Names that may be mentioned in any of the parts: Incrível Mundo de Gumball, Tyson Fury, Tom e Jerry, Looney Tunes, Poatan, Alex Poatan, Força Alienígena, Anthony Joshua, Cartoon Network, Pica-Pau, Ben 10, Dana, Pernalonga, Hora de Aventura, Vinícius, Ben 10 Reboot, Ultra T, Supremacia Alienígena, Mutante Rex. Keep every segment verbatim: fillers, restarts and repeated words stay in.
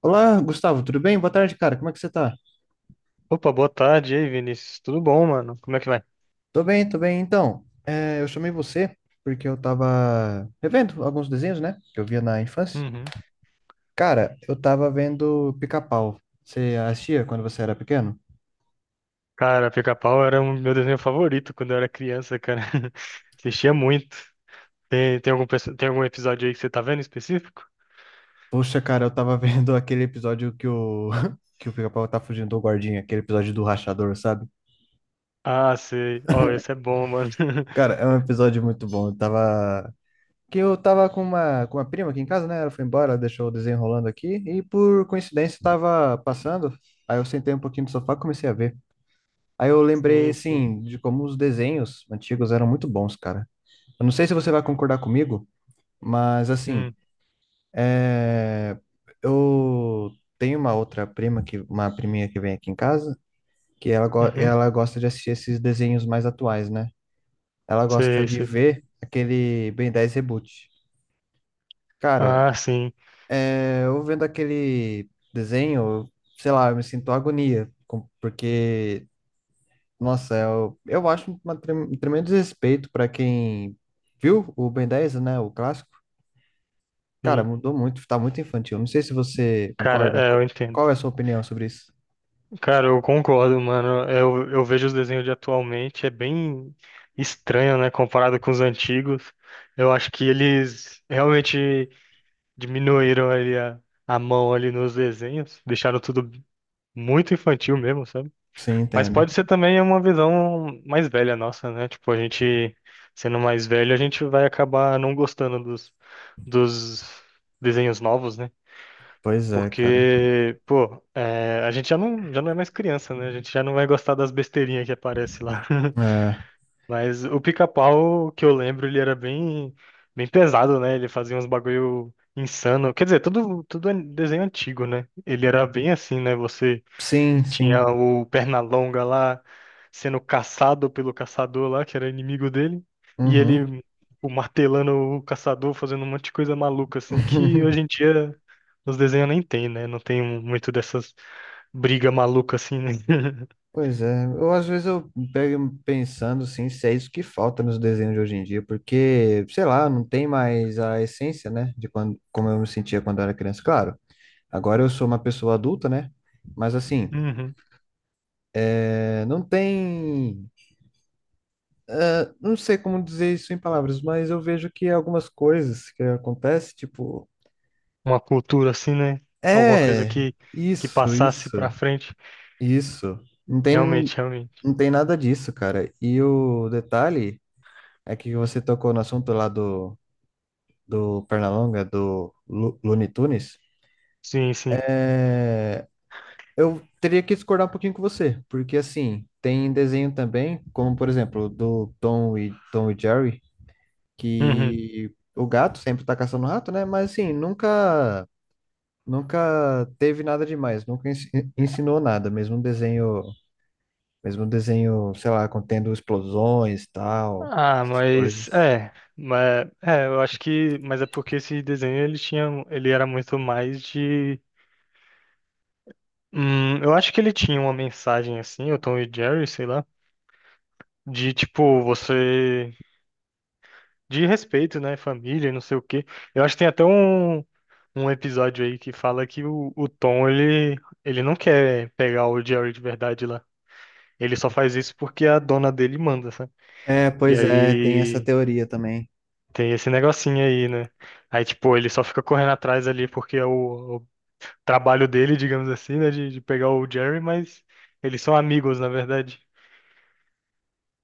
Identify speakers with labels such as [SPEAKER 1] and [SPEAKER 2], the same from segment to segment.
[SPEAKER 1] Olá, Gustavo, tudo bem? Boa tarde, cara. Como é que você tá?
[SPEAKER 2] Opa, boa tarde, e aí, Vinícius? Tudo bom, mano? Como é que vai?
[SPEAKER 1] Tô bem, tô bem. Então, é, eu chamei você porque eu tava revendo alguns desenhos, né? Que eu via na infância.
[SPEAKER 2] Uhum.
[SPEAKER 1] Cara, eu tava vendo Pica-Pau. Você assistia quando você era pequeno?
[SPEAKER 2] Cara, Pica-Pau era um meu desenho favorito quando eu era criança, cara. Assistia muito. Tem, tem algum, perso- tem algum episódio aí que você tá vendo em específico?
[SPEAKER 1] Poxa, cara, eu tava vendo aquele episódio que o, que o Pica-Pau tá fugindo do guardinha, aquele episódio do rachador, sabe?
[SPEAKER 2] Ah, sei. Ó, esse é bom, mano.
[SPEAKER 1] Cara, é um episódio muito bom. Eu tava que eu tava com uma, com uma prima aqui em casa, né? Ela foi embora, ela deixou o desenho rolando aqui, e por coincidência tava passando, aí eu sentei um pouquinho no sofá e comecei a ver. Aí eu lembrei,
[SPEAKER 2] Sim, sim.
[SPEAKER 1] assim, de como os desenhos antigos eram muito bons, cara. Eu não sei se você vai concordar comigo, mas, assim,
[SPEAKER 2] Hum,
[SPEAKER 1] é... eu tenho uma outra prima, que, uma priminha que vem aqui em casa, que ela, go-
[SPEAKER 2] uhum.
[SPEAKER 1] ela gosta de assistir esses desenhos mais atuais, né? Ela gosta
[SPEAKER 2] Sei,
[SPEAKER 1] de
[SPEAKER 2] sei.
[SPEAKER 1] ver aquele Ben dez Reboot. Cara,
[SPEAKER 2] Ah, sim,
[SPEAKER 1] é, eu vendo aquele desenho, eu- sei lá, eu me sinto agonia, com- porque, nossa, eu, eu acho uma trem- um tremendo desrespeito para quem viu o Ben dez, né, o clássico. Cara,
[SPEAKER 2] sim.
[SPEAKER 1] mudou muito, tá muito infantil. Não sei se você
[SPEAKER 2] Cara,
[SPEAKER 1] concorda.
[SPEAKER 2] é,
[SPEAKER 1] Co-
[SPEAKER 2] eu
[SPEAKER 1] Qual
[SPEAKER 2] entendo.
[SPEAKER 1] é a sua opinião sobre isso?
[SPEAKER 2] Cara, eu concordo, mano. Eu, eu vejo os desenhos de atualmente, é bem estranho, né, comparado com os antigos. Eu acho que eles realmente diminuíram ali a, a mão ali nos desenhos, deixaram tudo muito infantil mesmo, sabe?
[SPEAKER 1] Sim,
[SPEAKER 2] Mas
[SPEAKER 1] entendo.
[SPEAKER 2] pode ser também uma visão mais velha nossa, né? Tipo, a gente sendo mais velho, a gente vai acabar não gostando dos, dos desenhos novos, né?
[SPEAKER 1] Pois é, cara.
[SPEAKER 2] Porque, pô, é, a gente já não, já não é mais criança, né? A gente já não vai gostar das besteirinhas que aparece lá.
[SPEAKER 1] É.
[SPEAKER 2] Mas o pica-pau que eu lembro, ele era bem, bem pesado, né? Ele fazia uns bagulho insano. Quer dizer, tudo, tudo é desenho antigo, né? Ele era bem assim, né? Você
[SPEAKER 1] Sim,
[SPEAKER 2] tinha
[SPEAKER 1] sim.
[SPEAKER 2] o Pernalonga lá sendo caçado pelo caçador lá, que era inimigo dele, e
[SPEAKER 1] Uhum.
[SPEAKER 2] ele o martelando o caçador, fazendo um monte de coisa maluca, assim, que hoje em dia os desenhos nem tem, né? Não tem muito dessas briga maluca assim, né?
[SPEAKER 1] Pois é, eu às vezes eu pego pensando assim, se é isso que falta nos desenhos de hoje em dia, porque, sei lá, não tem mais a essência, né, de quando, como eu me sentia quando eu era criança. Claro, agora eu sou uma pessoa adulta, né, mas assim,
[SPEAKER 2] Uhum.
[SPEAKER 1] é, não tem, não sei como dizer isso em palavras, mas eu vejo que algumas coisas que acontecem, tipo,
[SPEAKER 2] Uma cultura assim, né? Alguma coisa
[SPEAKER 1] é,
[SPEAKER 2] que, que
[SPEAKER 1] isso,
[SPEAKER 2] passasse pra
[SPEAKER 1] isso,
[SPEAKER 2] frente.
[SPEAKER 1] isso, não tem,
[SPEAKER 2] Realmente, realmente.
[SPEAKER 1] não tem nada disso, cara. E o detalhe é que você tocou no assunto lá do do Pernalonga, do Lu- Looney Tunes,
[SPEAKER 2] Sim, sim.
[SPEAKER 1] eu teria que discordar um pouquinho com você, porque assim, tem desenho também, como por exemplo, do Tom e, Tom e Jerry,
[SPEAKER 2] Uhum.
[SPEAKER 1] que o gato sempre tá caçando o rato, né? Mas assim, nunca nunca teve nada demais, nunca ens- ensinou nada, mesmo um desenho, mesmo um desenho, sei lá, contendo explosões, e tal,
[SPEAKER 2] Ah,
[SPEAKER 1] essas
[SPEAKER 2] mas
[SPEAKER 1] coisas.
[SPEAKER 2] é, mas é, eu acho que, mas é porque esse desenho ele tinha, ele era muito mais de, hum, eu acho que ele tinha uma mensagem assim, o Tom e Jerry, sei lá, de tipo você, de respeito, né, família, e não sei o quê. Eu acho que tem até um, um episódio aí que fala que o, o Tom ele, ele não quer pegar o Jerry de verdade lá. Ele só faz isso porque a dona dele manda, sabe?
[SPEAKER 1] É,
[SPEAKER 2] E
[SPEAKER 1] pois é, tem essa
[SPEAKER 2] aí
[SPEAKER 1] teoria também.
[SPEAKER 2] tem esse negocinho aí, né? Aí, tipo, ele só fica correndo atrás ali porque é o, o trabalho dele, digamos assim, né? De, de pegar o Jerry, mas eles são amigos, na verdade.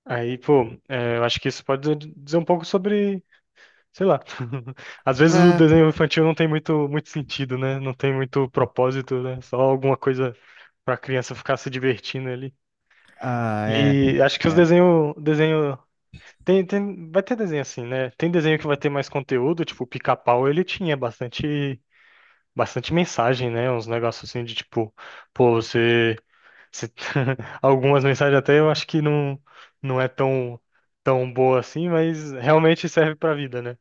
[SPEAKER 2] Aí, pô, é, eu acho que isso pode dizer dizer um pouco sobre, sei lá. Às vezes o
[SPEAKER 1] É,
[SPEAKER 2] desenho infantil não tem muito, muito sentido, né? Não tem muito propósito, né? Só alguma coisa pra criança ficar se divertindo ali.
[SPEAKER 1] ah, é,
[SPEAKER 2] E acho que os
[SPEAKER 1] é.
[SPEAKER 2] desenho, desenho Tem, tem, vai ter desenho assim, né? Tem desenho que vai ter mais conteúdo, tipo, o Pica-Pau, ele tinha bastante, bastante mensagem, né? Uns negócios assim de tipo, pô, você, você- Algumas mensagens até eu acho que não, não é tão, tão boa assim, mas realmente serve pra vida, né?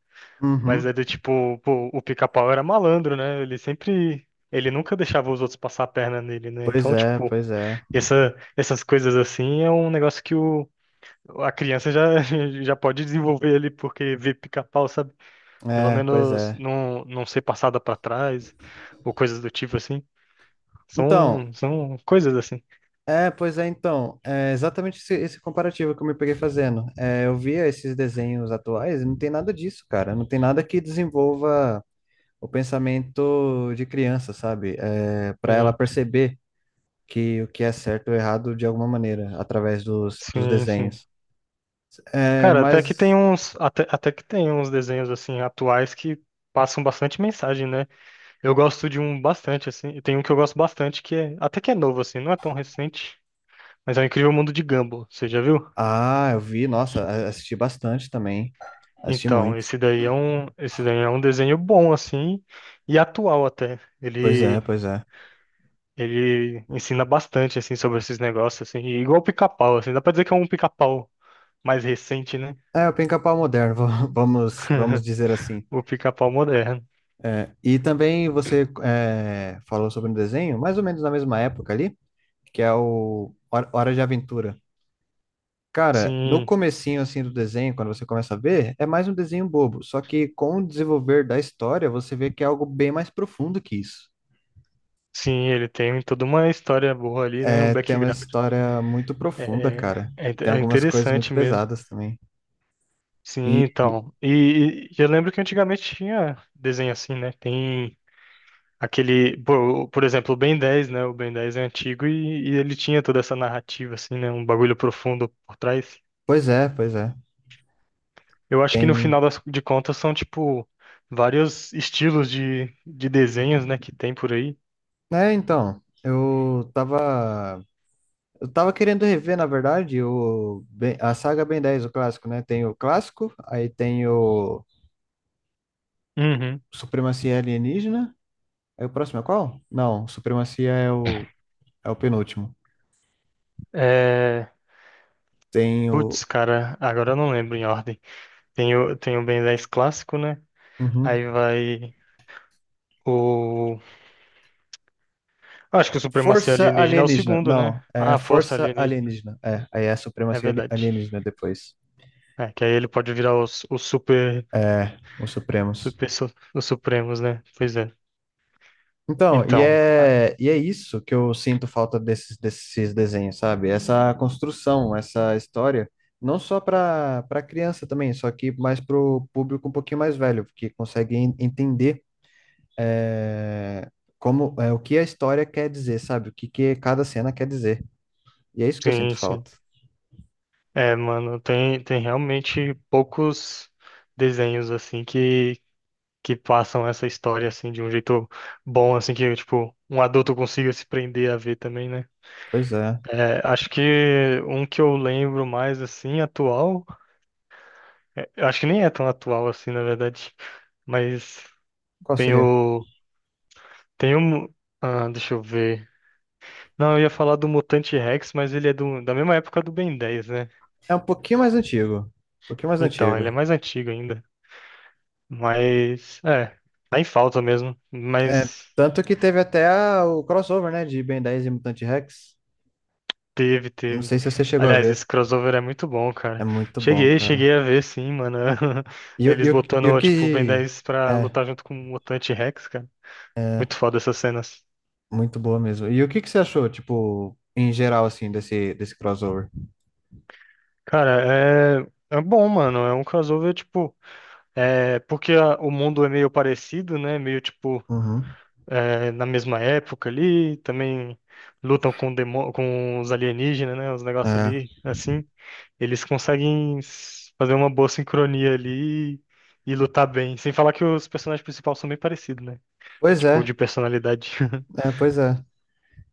[SPEAKER 2] Mas
[SPEAKER 1] Uhum.
[SPEAKER 2] é do tipo, pô, o Pica-Pau era malandro, né? Ele sempre, ele nunca deixava os outros passar a perna nele, né?
[SPEAKER 1] Pois
[SPEAKER 2] Então,
[SPEAKER 1] é,
[SPEAKER 2] tipo,
[SPEAKER 1] pois é.
[SPEAKER 2] essa, essas coisas assim é um negócio que o a criança já, já pode desenvolver ali porque vê pica-pau, sabe? Pelo
[SPEAKER 1] É, pois
[SPEAKER 2] menos
[SPEAKER 1] é.
[SPEAKER 2] não, não ser passada pra trás ou coisas do tipo assim.
[SPEAKER 1] Então,
[SPEAKER 2] São, são coisas assim.
[SPEAKER 1] é, pois é, então. É exatamente esse, esse comparativo que eu me peguei fazendo. É, eu via esses desenhos atuais e não tem nada disso, cara. Não tem nada que desenvolva o pensamento de criança, sabe? É, para ela
[SPEAKER 2] Sim,
[SPEAKER 1] perceber que o que é certo ou errado de alguma maneira, através dos, dos
[SPEAKER 2] sim. Sim.
[SPEAKER 1] desenhos. É,
[SPEAKER 2] Cara, até que tem
[SPEAKER 1] mas.
[SPEAKER 2] uns, até, até que tem uns desenhos assim atuais que passam bastante mensagem, né? Eu gosto de um bastante assim. Tem um que eu gosto bastante que é, até que é novo assim, não é tão recente, mas é o Incrível Mundo de Gumball. Você já viu?
[SPEAKER 1] Ah, eu vi, nossa, a- assisti bastante também. Assisti
[SPEAKER 2] Então,
[SPEAKER 1] muito.
[SPEAKER 2] esse daí é um, esse daí é um desenho bom assim e atual até.
[SPEAKER 1] Pois é,
[SPEAKER 2] Ele
[SPEAKER 1] pois é.
[SPEAKER 2] ele ensina bastante assim sobre esses negócios assim, e igual o Pica-Pau assim, dá pra dizer que é um Pica-Pau mais recente, né?
[SPEAKER 1] É o pica-pau moderno, va- vamos, vamos dizer assim.
[SPEAKER 2] O Pica-Pau moderno.
[SPEAKER 1] É, e também você é, falou sobre um desenho, mais ou menos na mesma época ali, que é o Hora Hora de Aventura. Cara, no
[SPEAKER 2] Sim,
[SPEAKER 1] comecinho assim do desenho, quando você começa a ver, é mais um desenho bobo. Só que com o desenvolver da história, você vê que é algo bem mais profundo que isso.
[SPEAKER 2] sim, ele tem toda uma história boa ali, né? Um
[SPEAKER 1] É, tem uma
[SPEAKER 2] background
[SPEAKER 1] história muito profunda,
[SPEAKER 2] é,
[SPEAKER 1] cara.
[SPEAKER 2] é, inte-
[SPEAKER 1] Tem
[SPEAKER 2] é
[SPEAKER 1] algumas coisas muito
[SPEAKER 2] interessante mesmo.
[SPEAKER 1] pesadas também.
[SPEAKER 2] Sim,
[SPEAKER 1] E, e-
[SPEAKER 2] então. E, e eu lembro que antigamente tinha desenho assim, né? Tem aquele, por, por exemplo, o Ben dez, né? O Ben dez é antigo e, e ele tinha toda essa narrativa, assim, né? Um bagulho profundo por trás.
[SPEAKER 1] pois é, pois é.
[SPEAKER 2] Eu acho que no
[SPEAKER 1] Tem.
[SPEAKER 2] final das, de contas são, tipo, vários estilos de, de desenhos, né? Que tem por aí.
[SPEAKER 1] É, então, eu tava eu tava querendo rever, na verdade, o, Ben- a saga Ben dez, o clássico, né? Tem o clássico, aí tem o
[SPEAKER 2] Uhum.
[SPEAKER 1] Supremacia Alienígena. Aí o próximo é qual? Não, Supremacia é o, é o penúltimo.
[SPEAKER 2] É...
[SPEAKER 1] Tem
[SPEAKER 2] Putz,
[SPEAKER 1] o.
[SPEAKER 2] cara, agora eu não lembro em ordem. Tem o, tem o Ben dez clássico, né?
[SPEAKER 1] Uhum.
[SPEAKER 2] Aí vai o. Acho que o Supremacia
[SPEAKER 1] Força
[SPEAKER 2] Alienígena é o
[SPEAKER 1] Alienígena.
[SPEAKER 2] segundo, né?
[SPEAKER 1] Não, é
[SPEAKER 2] Ah, Força
[SPEAKER 1] Força
[SPEAKER 2] Alienígena.
[SPEAKER 1] Alienígena. É, aí é a
[SPEAKER 2] É
[SPEAKER 1] Supremacia Ali-
[SPEAKER 2] verdade.
[SPEAKER 1] Alienígena depois.
[SPEAKER 2] É, que aí ele pode virar os, os super
[SPEAKER 1] É, os Supremos.
[SPEAKER 2] Super su- os Supremos, né? Pois é.
[SPEAKER 1] Então, e
[SPEAKER 2] Então, ah,
[SPEAKER 1] é, e é isso que eu sinto falta desses, desses desenhos, sabe? Essa construção, essa história, não só para para criança também, só que mais para o público um pouquinho mais velho, que consegue en- entender é, como é, o que a história quer dizer, sabe? O que, que cada cena quer dizer. E é isso que eu sinto
[SPEAKER 2] sim, sim.
[SPEAKER 1] falta.
[SPEAKER 2] É, mano, tem, tem realmente poucos desenhos, assim, que, que passam essa história, assim, de um jeito bom, assim, que, tipo, um adulto consiga se prender a ver também, né?
[SPEAKER 1] Pois é.
[SPEAKER 2] É, acho que um que eu lembro mais, assim, atual, é, eu acho que nem é tão atual, assim, na verdade, mas
[SPEAKER 1] Qual
[SPEAKER 2] tem
[SPEAKER 1] seria?
[SPEAKER 2] o, tem um, ah, deixa eu ver. Não, eu ia falar do Mutante Rex, mas ele é do, da mesma época do Ben dez, né?
[SPEAKER 1] É um pouquinho mais antigo. Um pouquinho mais
[SPEAKER 2] Então, ele
[SPEAKER 1] antigo.
[SPEAKER 2] é mais antigo ainda. Mas, é, tá em falta mesmo.
[SPEAKER 1] É,
[SPEAKER 2] Mas
[SPEAKER 1] tanto que teve até a- o crossover, né, de Ben dez e Mutante Rex.
[SPEAKER 2] teve,
[SPEAKER 1] Não
[SPEAKER 2] teve.
[SPEAKER 1] sei se você chegou a
[SPEAKER 2] Aliás,
[SPEAKER 1] ver.
[SPEAKER 2] esse crossover é muito bom,
[SPEAKER 1] É
[SPEAKER 2] cara.
[SPEAKER 1] muito bom,
[SPEAKER 2] Cheguei,
[SPEAKER 1] cara.
[SPEAKER 2] cheguei a ver, sim, mano.
[SPEAKER 1] E, o- e,
[SPEAKER 2] Eles
[SPEAKER 1] o- e o
[SPEAKER 2] botando, tipo, o Ben
[SPEAKER 1] que.
[SPEAKER 2] dez pra
[SPEAKER 1] É,
[SPEAKER 2] lutar junto com o Mutante Rex, cara. Muito foda essas cenas.
[SPEAKER 1] muito boa mesmo. E o que que você achou, tipo, em geral, assim, desse, desse crossover?
[SPEAKER 2] Cara, é, é bom, mano. É um crossover, tipo. É, porque a- o mundo é meio parecido, né? Meio tipo.
[SPEAKER 1] Uhum.
[SPEAKER 2] eh, na mesma época ali, também lutam com, demo- com os alienígenas, né? Os negócios
[SPEAKER 1] É.
[SPEAKER 2] ali, assim, eles conseguem s- fazer uma boa sincronia ali e, e lutar bem. Sem falar que os personagens principais são bem parecidos, né?
[SPEAKER 1] Pois
[SPEAKER 2] Tipo,
[SPEAKER 1] é,
[SPEAKER 2] de personalidade.
[SPEAKER 1] é, pois é.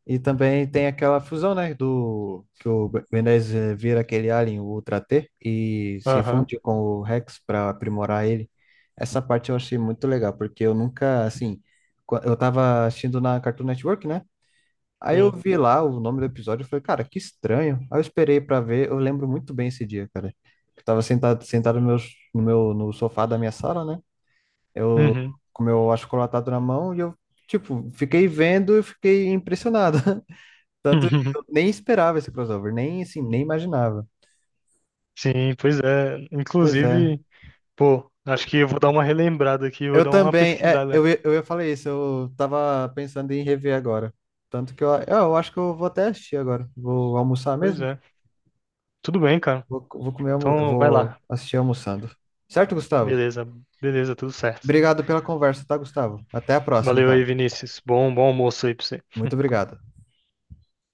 [SPEAKER 1] E também tem aquela fusão, né, do que o Ben dez eh, vira aquele alien, o Ultra T, e se
[SPEAKER 2] Aham,
[SPEAKER 1] funde com o Rex para aprimorar ele. Essa parte eu achei muito legal, porque eu nunca, assim, qua- eu tava assistindo na Cartoon Network, né? Aí eu
[SPEAKER 2] sim.
[SPEAKER 1] vi lá o nome do episódio e falei, cara, que estranho. Aí eu esperei pra ver, eu lembro muito bem esse dia, cara. Eu tava sentado, sentado no meu, no meu, no sofá da minha sala, né? Eu
[SPEAKER 2] Uhum.
[SPEAKER 1] com o meu achocolatado na mão e eu, tipo, fiquei vendo e fiquei impressionado. Tanto eu nem esperava esse crossover, nem assim, nem imaginava.
[SPEAKER 2] Sim, pois é.
[SPEAKER 1] Pois é.
[SPEAKER 2] Inclusive, pô, acho que eu vou dar uma relembrada aqui, vou
[SPEAKER 1] Eu
[SPEAKER 2] dar uma
[SPEAKER 1] também, é,
[SPEAKER 2] pesquisada.
[SPEAKER 1] eu, ia- eu ia falar isso, eu tava pensando em rever agora. Tanto que eu, eu acho que eu vou até assistir agora. Vou almoçar
[SPEAKER 2] Pois
[SPEAKER 1] mesmo.
[SPEAKER 2] é. Tudo bem, cara.
[SPEAKER 1] Vou, vou comer, almo-
[SPEAKER 2] Então, vai
[SPEAKER 1] vou
[SPEAKER 2] lá.
[SPEAKER 1] assistir almoçando. Certo, Gustavo?
[SPEAKER 2] Beleza, beleza, tudo certo.
[SPEAKER 1] Obrigado pela conversa, tá, Gustavo? Até a próxima,
[SPEAKER 2] Valeu aí,
[SPEAKER 1] então.
[SPEAKER 2] Vinícius. Bom, bom almoço aí pra você.
[SPEAKER 1] Muito obrigado.